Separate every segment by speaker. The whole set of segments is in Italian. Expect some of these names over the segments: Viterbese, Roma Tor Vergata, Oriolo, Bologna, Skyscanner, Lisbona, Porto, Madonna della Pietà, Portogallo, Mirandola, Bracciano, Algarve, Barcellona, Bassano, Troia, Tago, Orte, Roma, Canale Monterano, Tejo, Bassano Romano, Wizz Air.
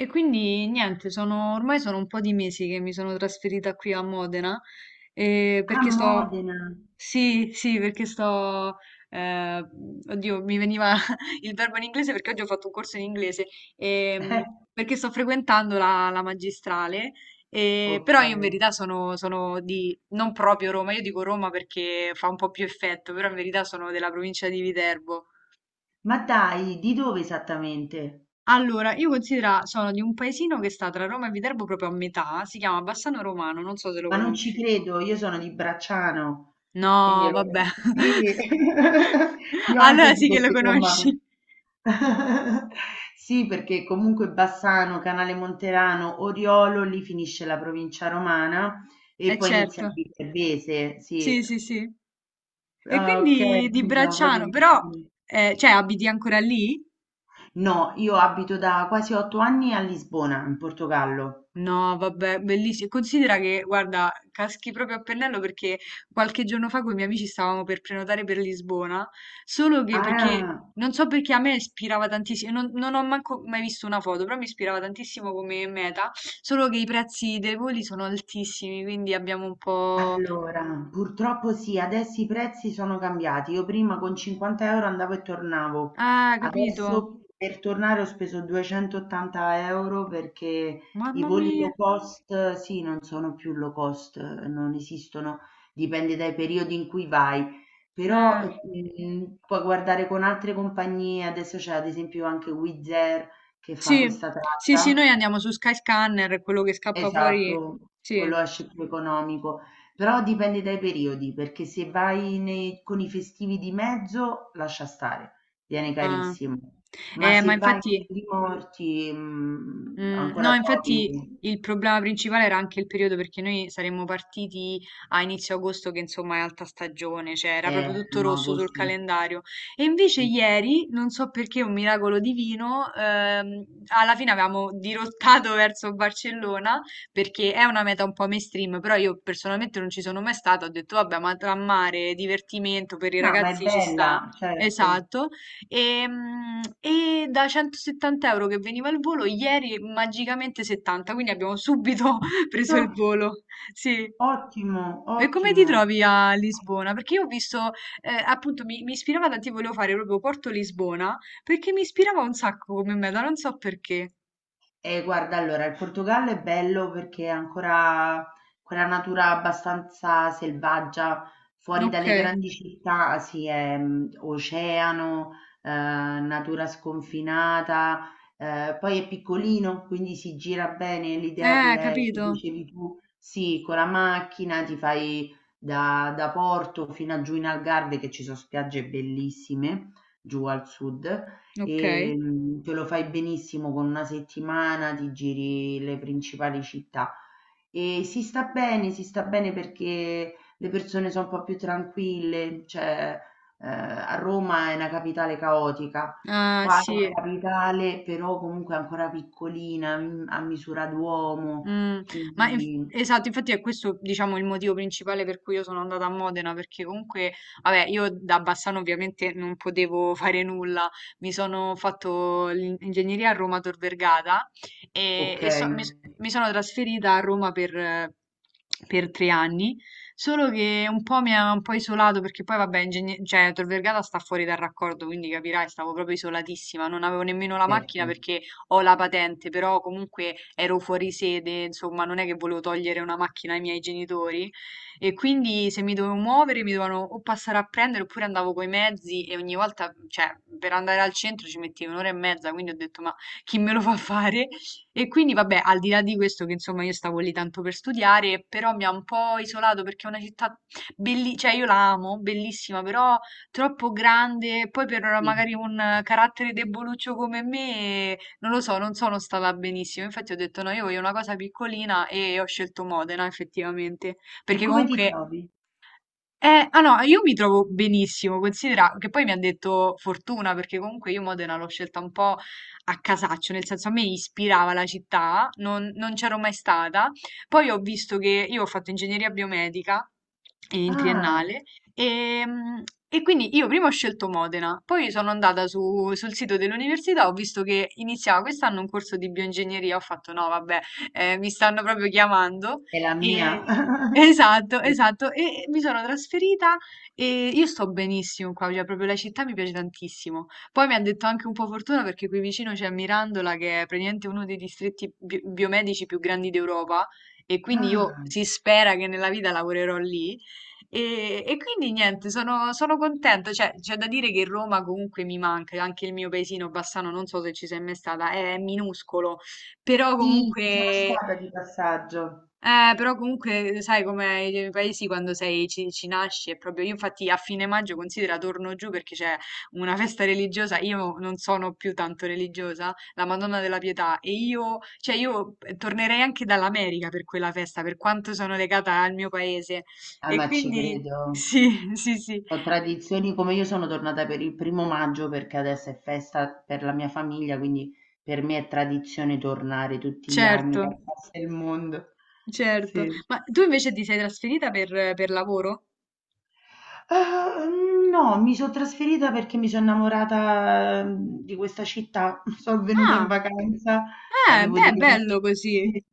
Speaker 1: E quindi niente, ormai sono un po' di mesi che mi sono trasferita qui a Modena,
Speaker 2: A
Speaker 1: perché sto,
Speaker 2: Modena,
Speaker 1: sì, sì, perché sto, eh, oddio, mi veniva il verbo in inglese perché oggi ho fatto un corso in inglese, ehm,
Speaker 2: eh,
Speaker 1: perché sto frequentando la magistrale, però io in
Speaker 2: okay.
Speaker 1: verità sono di, non proprio Roma. Io dico Roma perché fa un po' più effetto, però in verità sono della provincia di Viterbo.
Speaker 2: Ma dai, di dove esattamente?
Speaker 1: Allora, io considera, sono di un paesino che sta tra Roma e Viterbo proprio a metà, si chiama Bassano Romano, non so se lo
Speaker 2: Ma non ci
Speaker 1: conosci.
Speaker 2: credo, io sono di Bracciano, quindi
Speaker 1: No,
Speaker 2: lo
Speaker 1: vabbè.
Speaker 2: sì, io anche
Speaker 1: Allora sì
Speaker 2: dico
Speaker 1: che lo
Speaker 2: di Roma.
Speaker 1: conosci.
Speaker 2: Sì, perché comunque Bassano, Canale Monterano, Oriolo, lì finisce la provincia romana e
Speaker 1: Eh
Speaker 2: poi inizia
Speaker 1: certo,
Speaker 2: il Viterbese, sì.
Speaker 1: sì, sì, sì. E
Speaker 2: Ah, ok,
Speaker 1: quindi di
Speaker 2: quindi siamo proprio
Speaker 1: Bracciano, però,
Speaker 2: vicini.
Speaker 1: cioè, abiti ancora lì?
Speaker 2: No, io abito da quasi 8 anni a Lisbona, in Portogallo.
Speaker 1: No, vabbè, bellissimo. Considera che, guarda, caschi proprio a pennello perché qualche giorno fa con i miei amici stavamo per prenotare per Lisbona, solo che perché
Speaker 2: Ah,
Speaker 1: non so perché a me ispirava tantissimo, non ho manco mai visto una foto, però mi ispirava tantissimo come meta, solo che i prezzi dei voli sono altissimi, quindi abbiamo un po'...
Speaker 2: allora, purtroppo sì, adesso i prezzi sono cambiati. Io prima con 50 euro andavo e tornavo,
Speaker 1: Ah, capito?
Speaker 2: adesso per tornare ho speso 280 euro perché i
Speaker 1: Mamma
Speaker 2: voli
Speaker 1: mia.
Speaker 2: low cost, sì, non sono più low cost, non esistono, dipende dai periodi in cui vai. Però
Speaker 1: Eh,
Speaker 2: puoi guardare con altre compagnie, adesso c'è ad esempio anche Wizz Air che fa
Speaker 1: Sì,
Speaker 2: questa
Speaker 1: sì, sì, noi
Speaker 2: tratta.
Speaker 1: andiamo su Skyscanner, quello che scappa fuori.
Speaker 2: Esatto,
Speaker 1: Sì.
Speaker 2: quello esce più economico, però dipende dai periodi, perché se vai con i festivi di mezzo, lascia stare, viene
Speaker 1: Ah.
Speaker 2: carissimo, ma
Speaker 1: Ma
Speaker 2: se vai con
Speaker 1: infatti...
Speaker 2: i morti,
Speaker 1: Mm,
Speaker 2: ancora
Speaker 1: no, infatti
Speaker 2: trovi,
Speaker 1: il problema principale era anche il periodo perché noi saremmo partiti a inizio agosto, che insomma è alta stagione, cioè era proprio tutto
Speaker 2: no,
Speaker 1: rosso sul
Speaker 2: agosto.
Speaker 1: calendario. E invece ieri, non so perché, un miracolo divino, alla fine avevamo dirottato verso Barcellona perché è una meta un po' mainstream, però io personalmente non ci sono mai stata, ho detto vabbè, ma tra mare, divertimento per i
Speaker 2: No, ma è
Speaker 1: ragazzi ci sta.
Speaker 2: bella, certo.
Speaker 1: Esatto. E, da 170 euro che veniva il volo, ieri magicamente 70, quindi abbiamo subito preso il
Speaker 2: No,
Speaker 1: volo. Sì.
Speaker 2: ottimo,
Speaker 1: E come ti
Speaker 2: ottimo.
Speaker 1: trovi a Lisbona? Perché io ho visto, appunto, mi ispirava tanto, io volevo fare proprio Porto Lisbona, perché mi ispirava un sacco come meta, non so perché.
Speaker 2: Guarda, allora, il Portogallo è bello perché ha ancora quella natura abbastanza selvaggia, fuori
Speaker 1: Ok.
Speaker 2: dalle grandi città, sì, è oceano, natura sconfinata, poi è piccolino, quindi si gira bene. L'idea che
Speaker 1: Capito.
Speaker 2: dicevi tu, sì, con la macchina ti fai da Porto fino a giù in Algarve, che ci sono spiagge bellissime, giù al sud.
Speaker 1: Ok.
Speaker 2: Te lo fai benissimo con una settimana, ti giri le principali città e si sta bene perché le persone sono un po' più tranquille, cioè a Roma è una capitale caotica,
Speaker 1: Ah,
Speaker 2: qua è una
Speaker 1: sì.
Speaker 2: capitale però comunque ancora piccolina, mm, a misura d'uomo,
Speaker 1: Mm, ma
Speaker 2: quindi
Speaker 1: esatto, infatti è questo, diciamo, il motivo principale per cui io sono andata a Modena, perché comunque, vabbè, io da Bassano ovviamente non potevo fare nulla, mi sono fatto l'ingegneria a Roma Tor Vergata e,
Speaker 2: ok,
Speaker 1: e mi sono trasferita a Roma per 3 anni. Solo che un po' mi ha un po' isolato perché poi vabbè, cioè, Tor Vergata sta fuori dal raccordo, quindi capirai, stavo proprio isolatissima, non avevo nemmeno la macchina
Speaker 2: certo,
Speaker 1: perché ho la patente, però comunque ero fuori sede, insomma, non è che volevo togliere una macchina ai miei genitori. E quindi se mi dovevo muovere mi dovevano o passare a prendere oppure andavo coi mezzi e ogni volta, cioè, per andare al centro ci mettevo un'ora e mezza, quindi ho detto ma chi me lo fa fare? E quindi vabbè, al di là di questo che insomma io stavo lì tanto per studiare, però mi ha un po' isolato perché è una città bellissima, cioè io la amo, bellissima, però troppo grande, poi per magari
Speaker 2: sì.
Speaker 1: un carattere deboluccio come me non lo so, non sono stata benissimo, infatti ho detto no, io voglio una cosa piccolina e ho scelto Modena effettivamente,
Speaker 2: E
Speaker 1: perché
Speaker 2: come ti
Speaker 1: comunque...
Speaker 2: trovi?
Speaker 1: Ah no, io mi trovo benissimo, considera che poi mi ha detto fortuna, perché comunque io Modena l'ho scelta un po' a casaccio, nel senso a me ispirava la città, non, non c'ero mai stata, poi ho visto che io ho fatto ingegneria biomedica in
Speaker 2: Ah,
Speaker 1: triennale. E, mm, e quindi io prima ho scelto Modena, poi sono andata sul sito dell'università, ho visto che iniziava quest'anno un corso di bioingegneria, ho fatto no, vabbè, mi stanno proprio chiamando.
Speaker 2: è la
Speaker 1: E-
Speaker 2: mia.
Speaker 1: Esatto,
Speaker 2: Sì.
Speaker 1: esatto, e mi sono trasferita e io sto benissimo qua, cioè proprio la città mi piace tantissimo. Poi mi ha detto anche un po' fortuna perché qui vicino c'è Mirandola che è praticamente uno dei distretti biomedici più grandi d'Europa e quindi io
Speaker 2: Ah.
Speaker 1: si spera che nella vita lavorerò lì. E quindi niente, sono, sono contenta. Cioè, c'è da dire che Roma comunque mi manca, anche il mio paesino Bassano, non so se ci sei mai stata, è minuscolo, però
Speaker 2: Sì, ci sono
Speaker 1: comunque
Speaker 2: stata di passaggio.
Speaker 1: però comunque sai com'è i paesi quando sei, ci nasci, è proprio io infatti a fine maggio considera torno giù perché c'è una festa religiosa, io non sono più tanto religiosa, la Madonna della Pietà e io, cioè io tornerei anche dall'America per quella festa, per quanto sono legata al mio paese
Speaker 2: Ah,
Speaker 1: e
Speaker 2: ma ci
Speaker 1: quindi
Speaker 2: credo.
Speaker 1: sì, sì, sì,
Speaker 2: Ho tradizioni come io sono tornata per il primo maggio perché adesso è festa per la mia famiglia, quindi per me è tradizione tornare tutti gli anni,
Speaker 1: certo,
Speaker 2: che passa il mondo.
Speaker 1: certo.
Speaker 2: Sì.
Speaker 1: Ma tu invece ti sei trasferita per lavoro?
Speaker 2: No, mi so' trasferita perché mi so' innamorata, mhmm, di questa città. So' venuta in
Speaker 1: Ah,
Speaker 2: vacanza, avevo
Speaker 1: beh,
Speaker 2: degli
Speaker 1: bello
Speaker 2: amici
Speaker 1: così.
Speaker 2: sì.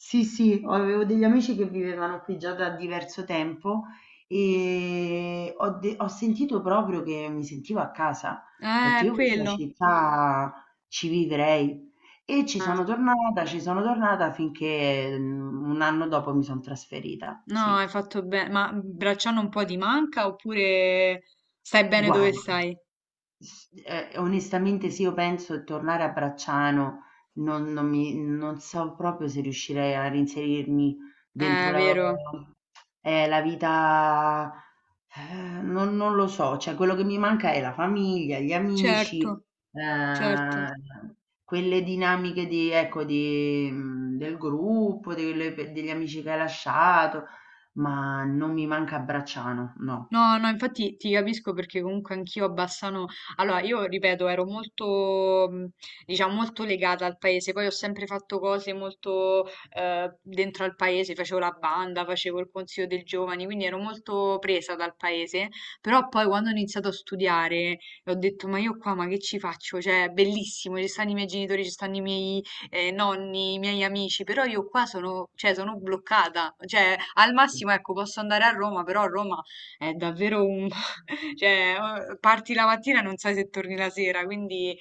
Speaker 2: Sì, o avevo degli amici che vivevano qui già da diverso tempo, ho sentito proprio che mi sentivo a casa. Ho detto: "Io questa
Speaker 1: Quello.
Speaker 2: città ci vivrei". E
Speaker 1: Ah,
Speaker 2: ci sono tornata finché, mhmm, un anno dopo mi son trasferita,
Speaker 1: no,
Speaker 2: sì.
Speaker 1: hai fatto bene. Ma Bracciano un po' di manca oppure stai bene dove
Speaker 2: Guarda,
Speaker 1: stai?
Speaker 2: s onestamente se io penso di tornare a Bracciano non so proprio se riuscirei a reinserirmi dentro la
Speaker 1: Vero.
Speaker 2: la vita non lo so, cioè quello che mi manca è la famiglia, gli
Speaker 1: Certo,
Speaker 2: amici,
Speaker 1: certo.
Speaker 2: ehm, quelle dinamiche di ecco, di mhmm, del gruppo, delle pe degli amici che hai lasciato, ma non mi manca Bracciano, no.
Speaker 1: No, no, infatti ti capisco perché comunque anch'io a Bassano, allora io ripeto, ero molto, diciamo, molto legata al paese, poi ho sempre fatto cose molto dentro al paese, facevo la banda, facevo il consiglio dei giovani, quindi ero molto presa dal paese, però poi quando ho iniziato a studiare ho detto, ma io qua, ma che ci faccio? Cioè, è bellissimo, ci stanno i miei genitori, ci stanno i miei nonni, i miei amici, però io qua sono, cioè, sono bloccata, cioè, al massimo, ecco, posso andare a Roma, però a Roma è davvero un... cioè, parti la mattina e non sai se torni la sera, quindi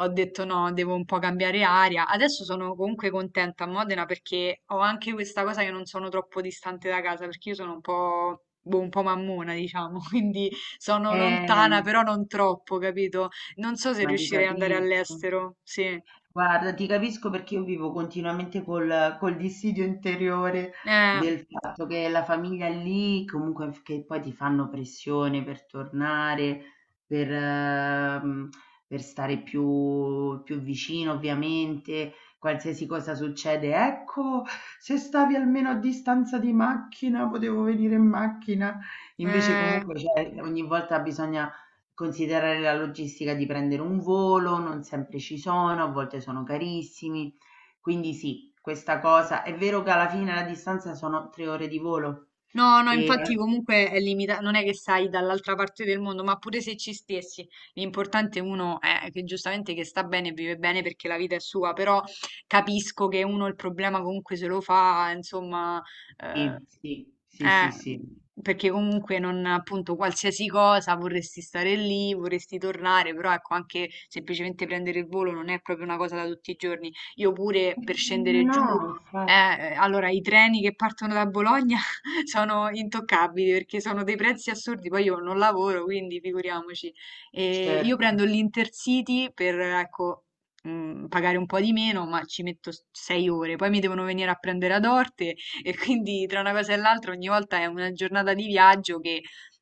Speaker 1: ho detto no, devo un po' cambiare aria. Adesso sono comunque contenta a Modena perché ho anche questa cosa che non sono troppo distante da casa, perché io sono un po'... boh, un po' mammona, diciamo, quindi sono lontana,
Speaker 2: Eh.
Speaker 1: però non troppo, capito? Non so se
Speaker 2: Ma ti
Speaker 1: riuscirei ad andare
Speaker 2: capisco.
Speaker 1: all'estero, sì.
Speaker 2: Guarda, ti capisco perché io vivo continuamente col dissidio interiore
Speaker 1: Eh,
Speaker 2: del fatto che la famiglia è lì, comunque che poi ti fanno pressione per tornare, per, ehm, per stare più vicino, ovviamente, qualsiasi cosa succede. Ecco, se stavi almeno a distanza di macchina, potevo venire in macchina. Invece
Speaker 1: eh.
Speaker 2: comunque cioè, ogni volta bisogna considerare la logistica di prendere un volo, non sempre ci sono, a volte sono carissimi. Quindi sì, questa cosa è vero che alla fine la distanza sono 3 ore di volo.
Speaker 1: No, no,
Speaker 2: E
Speaker 1: infatti comunque è limitato, non è che stai dall'altra parte del mondo, ma pure se ci stessi, l'importante uno è che giustamente che sta bene, vive bene perché la vita è sua, però capisco che uno il problema comunque se lo fa, insomma, eh,
Speaker 2: sì, sì, sì, sì,
Speaker 1: eh, mhmm,
Speaker 2: sì.
Speaker 1: perché comunque non, appunto, qualsiasi cosa vorresti stare lì, vorresti tornare, però ecco, anche semplicemente prendere il volo non è proprio una cosa da tutti i giorni. Io pure per scendere giù,
Speaker 2: No,
Speaker 1: eh,
Speaker 2: infatti,
Speaker 1: allora i treni che partono da Bologna sono intoccabili perché sono dei prezzi assurdi, poi io non lavoro, quindi figuriamoci. E io
Speaker 2: certo.
Speaker 1: prendo l'Intercity per, ecco, mm, pagare un po' di meno, ma ci metto 6 ore, poi mi devono venire a prendere ad Orte e quindi tra una cosa e l'altra ogni volta è una giornata di viaggio che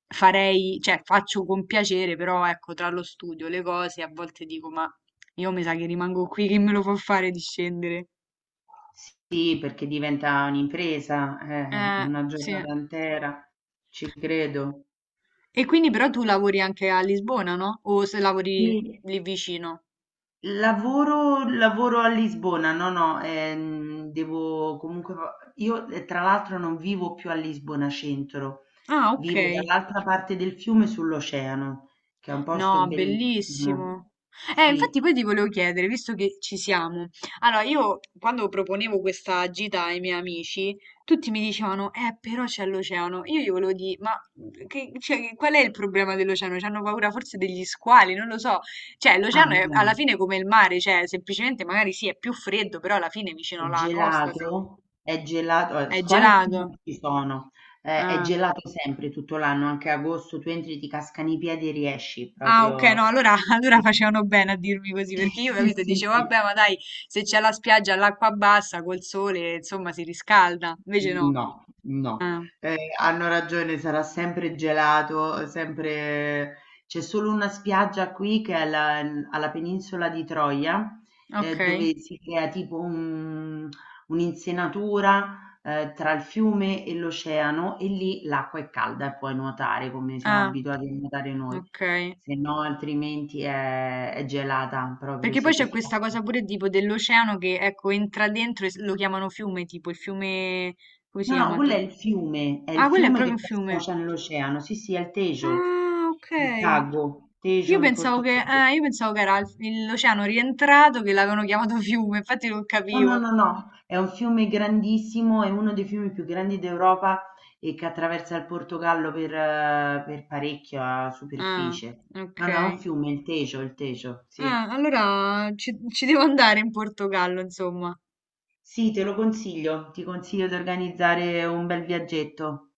Speaker 1: farei, cioè faccio con piacere, però ecco, tra lo studio, le cose, a volte dico, ma io mi sa che rimango qui, che me lo fa fare di scendere?
Speaker 2: Sì, perché diventa un'impresa, una
Speaker 1: Sì.
Speaker 2: giornata intera, ci credo.
Speaker 1: E quindi però tu lavori anche a Lisbona, no? O se lavori
Speaker 2: Sì.
Speaker 1: lì vicino?
Speaker 2: Lavoro a Lisbona, no, no, devo comunque fa io, tra l'altro non vivo più a Lisbona centro,
Speaker 1: Ah,
Speaker 2: vivo
Speaker 1: ok.
Speaker 2: dall'altra parte del fiume sull'oceano, che è un
Speaker 1: No,
Speaker 2: posto bellissimo.
Speaker 1: bellissimo. Infatti
Speaker 2: Sì.
Speaker 1: poi ti volevo chiedere, visto che ci siamo. Allora, io quando proponevo questa gita ai miei amici, tutti mi dicevano, però c'è l'oceano. Io gli volevo dire, ma cioè, qual è il problema dell'oceano? C'hanno paura forse degli squali, non lo so. Cioè,
Speaker 2: Ah
Speaker 1: l'oceano è alla
Speaker 2: no,
Speaker 1: fine come il mare, cioè, semplicemente magari sì, è più freddo, però alla fine vicino alla costa se-
Speaker 2: è gelato,
Speaker 1: è
Speaker 2: squali qui non
Speaker 1: gelato.
Speaker 2: ci sono, è
Speaker 1: Ah.
Speaker 2: gelato sempre tutto l'anno, anche agosto, tu entri, ti cascano i piedi e riesci
Speaker 1: Ah, ok, no,
Speaker 2: proprio.
Speaker 1: allora, allora
Speaker 2: Sì,
Speaker 1: facevano bene a dirmi così, perché io,
Speaker 2: sì,
Speaker 1: capito,
Speaker 2: sì,
Speaker 1: dicevo,
Speaker 2: sì.
Speaker 1: vabbè, ma dai, se c'è la spiaggia all'acqua bassa, col sole, insomma, si riscalda. Invece no.
Speaker 2: No, no.
Speaker 1: Ah,
Speaker 2: Hanno ragione, sarà sempre gelato, sempre c'è solo una spiaggia qui che è alla penisola di Troia,
Speaker 1: ok.
Speaker 2: dove si crea tipo un'insenatura, tra il fiume e l'oceano e lì l'acqua è calda e puoi nuotare come siamo
Speaker 1: Ah,
Speaker 2: abituati a nuotare noi,
Speaker 1: ok.
Speaker 2: se no altrimenti è gelata, proprio
Speaker 1: Perché poi
Speaker 2: sì, che
Speaker 1: c'è
Speaker 2: ti
Speaker 1: questa
Speaker 2: casca.
Speaker 1: cosa pure tipo dell'oceano che, ecco, entra dentro e lo chiamano fiume, tipo il fiume... come si
Speaker 2: No, no,
Speaker 1: chiama? Il
Speaker 2: quello
Speaker 1: pa-
Speaker 2: è il fiume,
Speaker 1: Ah, quello è proprio
Speaker 2: che
Speaker 1: un
Speaker 2: poi
Speaker 1: fiume.
Speaker 2: sfocia nell'oceano. Sì, sì, è il Tejo,
Speaker 1: Ah, ok.
Speaker 2: il Tago,
Speaker 1: Io
Speaker 2: Tejo in
Speaker 1: pensavo che,
Speaker 2: portoghese.
Speaker 1: ah, io pensavo che era l'oceano rientrato che l'avevano chiamato fiume, infatti non capivo.
Speaker 2: No, è un fiume grandissimo, è uno dei fiumi più grandi d'Europa e che attraversa il Portogallo per parecchia
Speaker 1: Ah,
Speaker 2: superficie.
Speaker 1: ok.
Speaker 2: No, no, è un fiume, il Tejo, sì.
Speaker 1: Ah, allora ci, ci devo andare in Portogallo, insomma.
Speaker 2: Sì, te lo consiglio, ti consiglio di organizzare un bel viaggetto.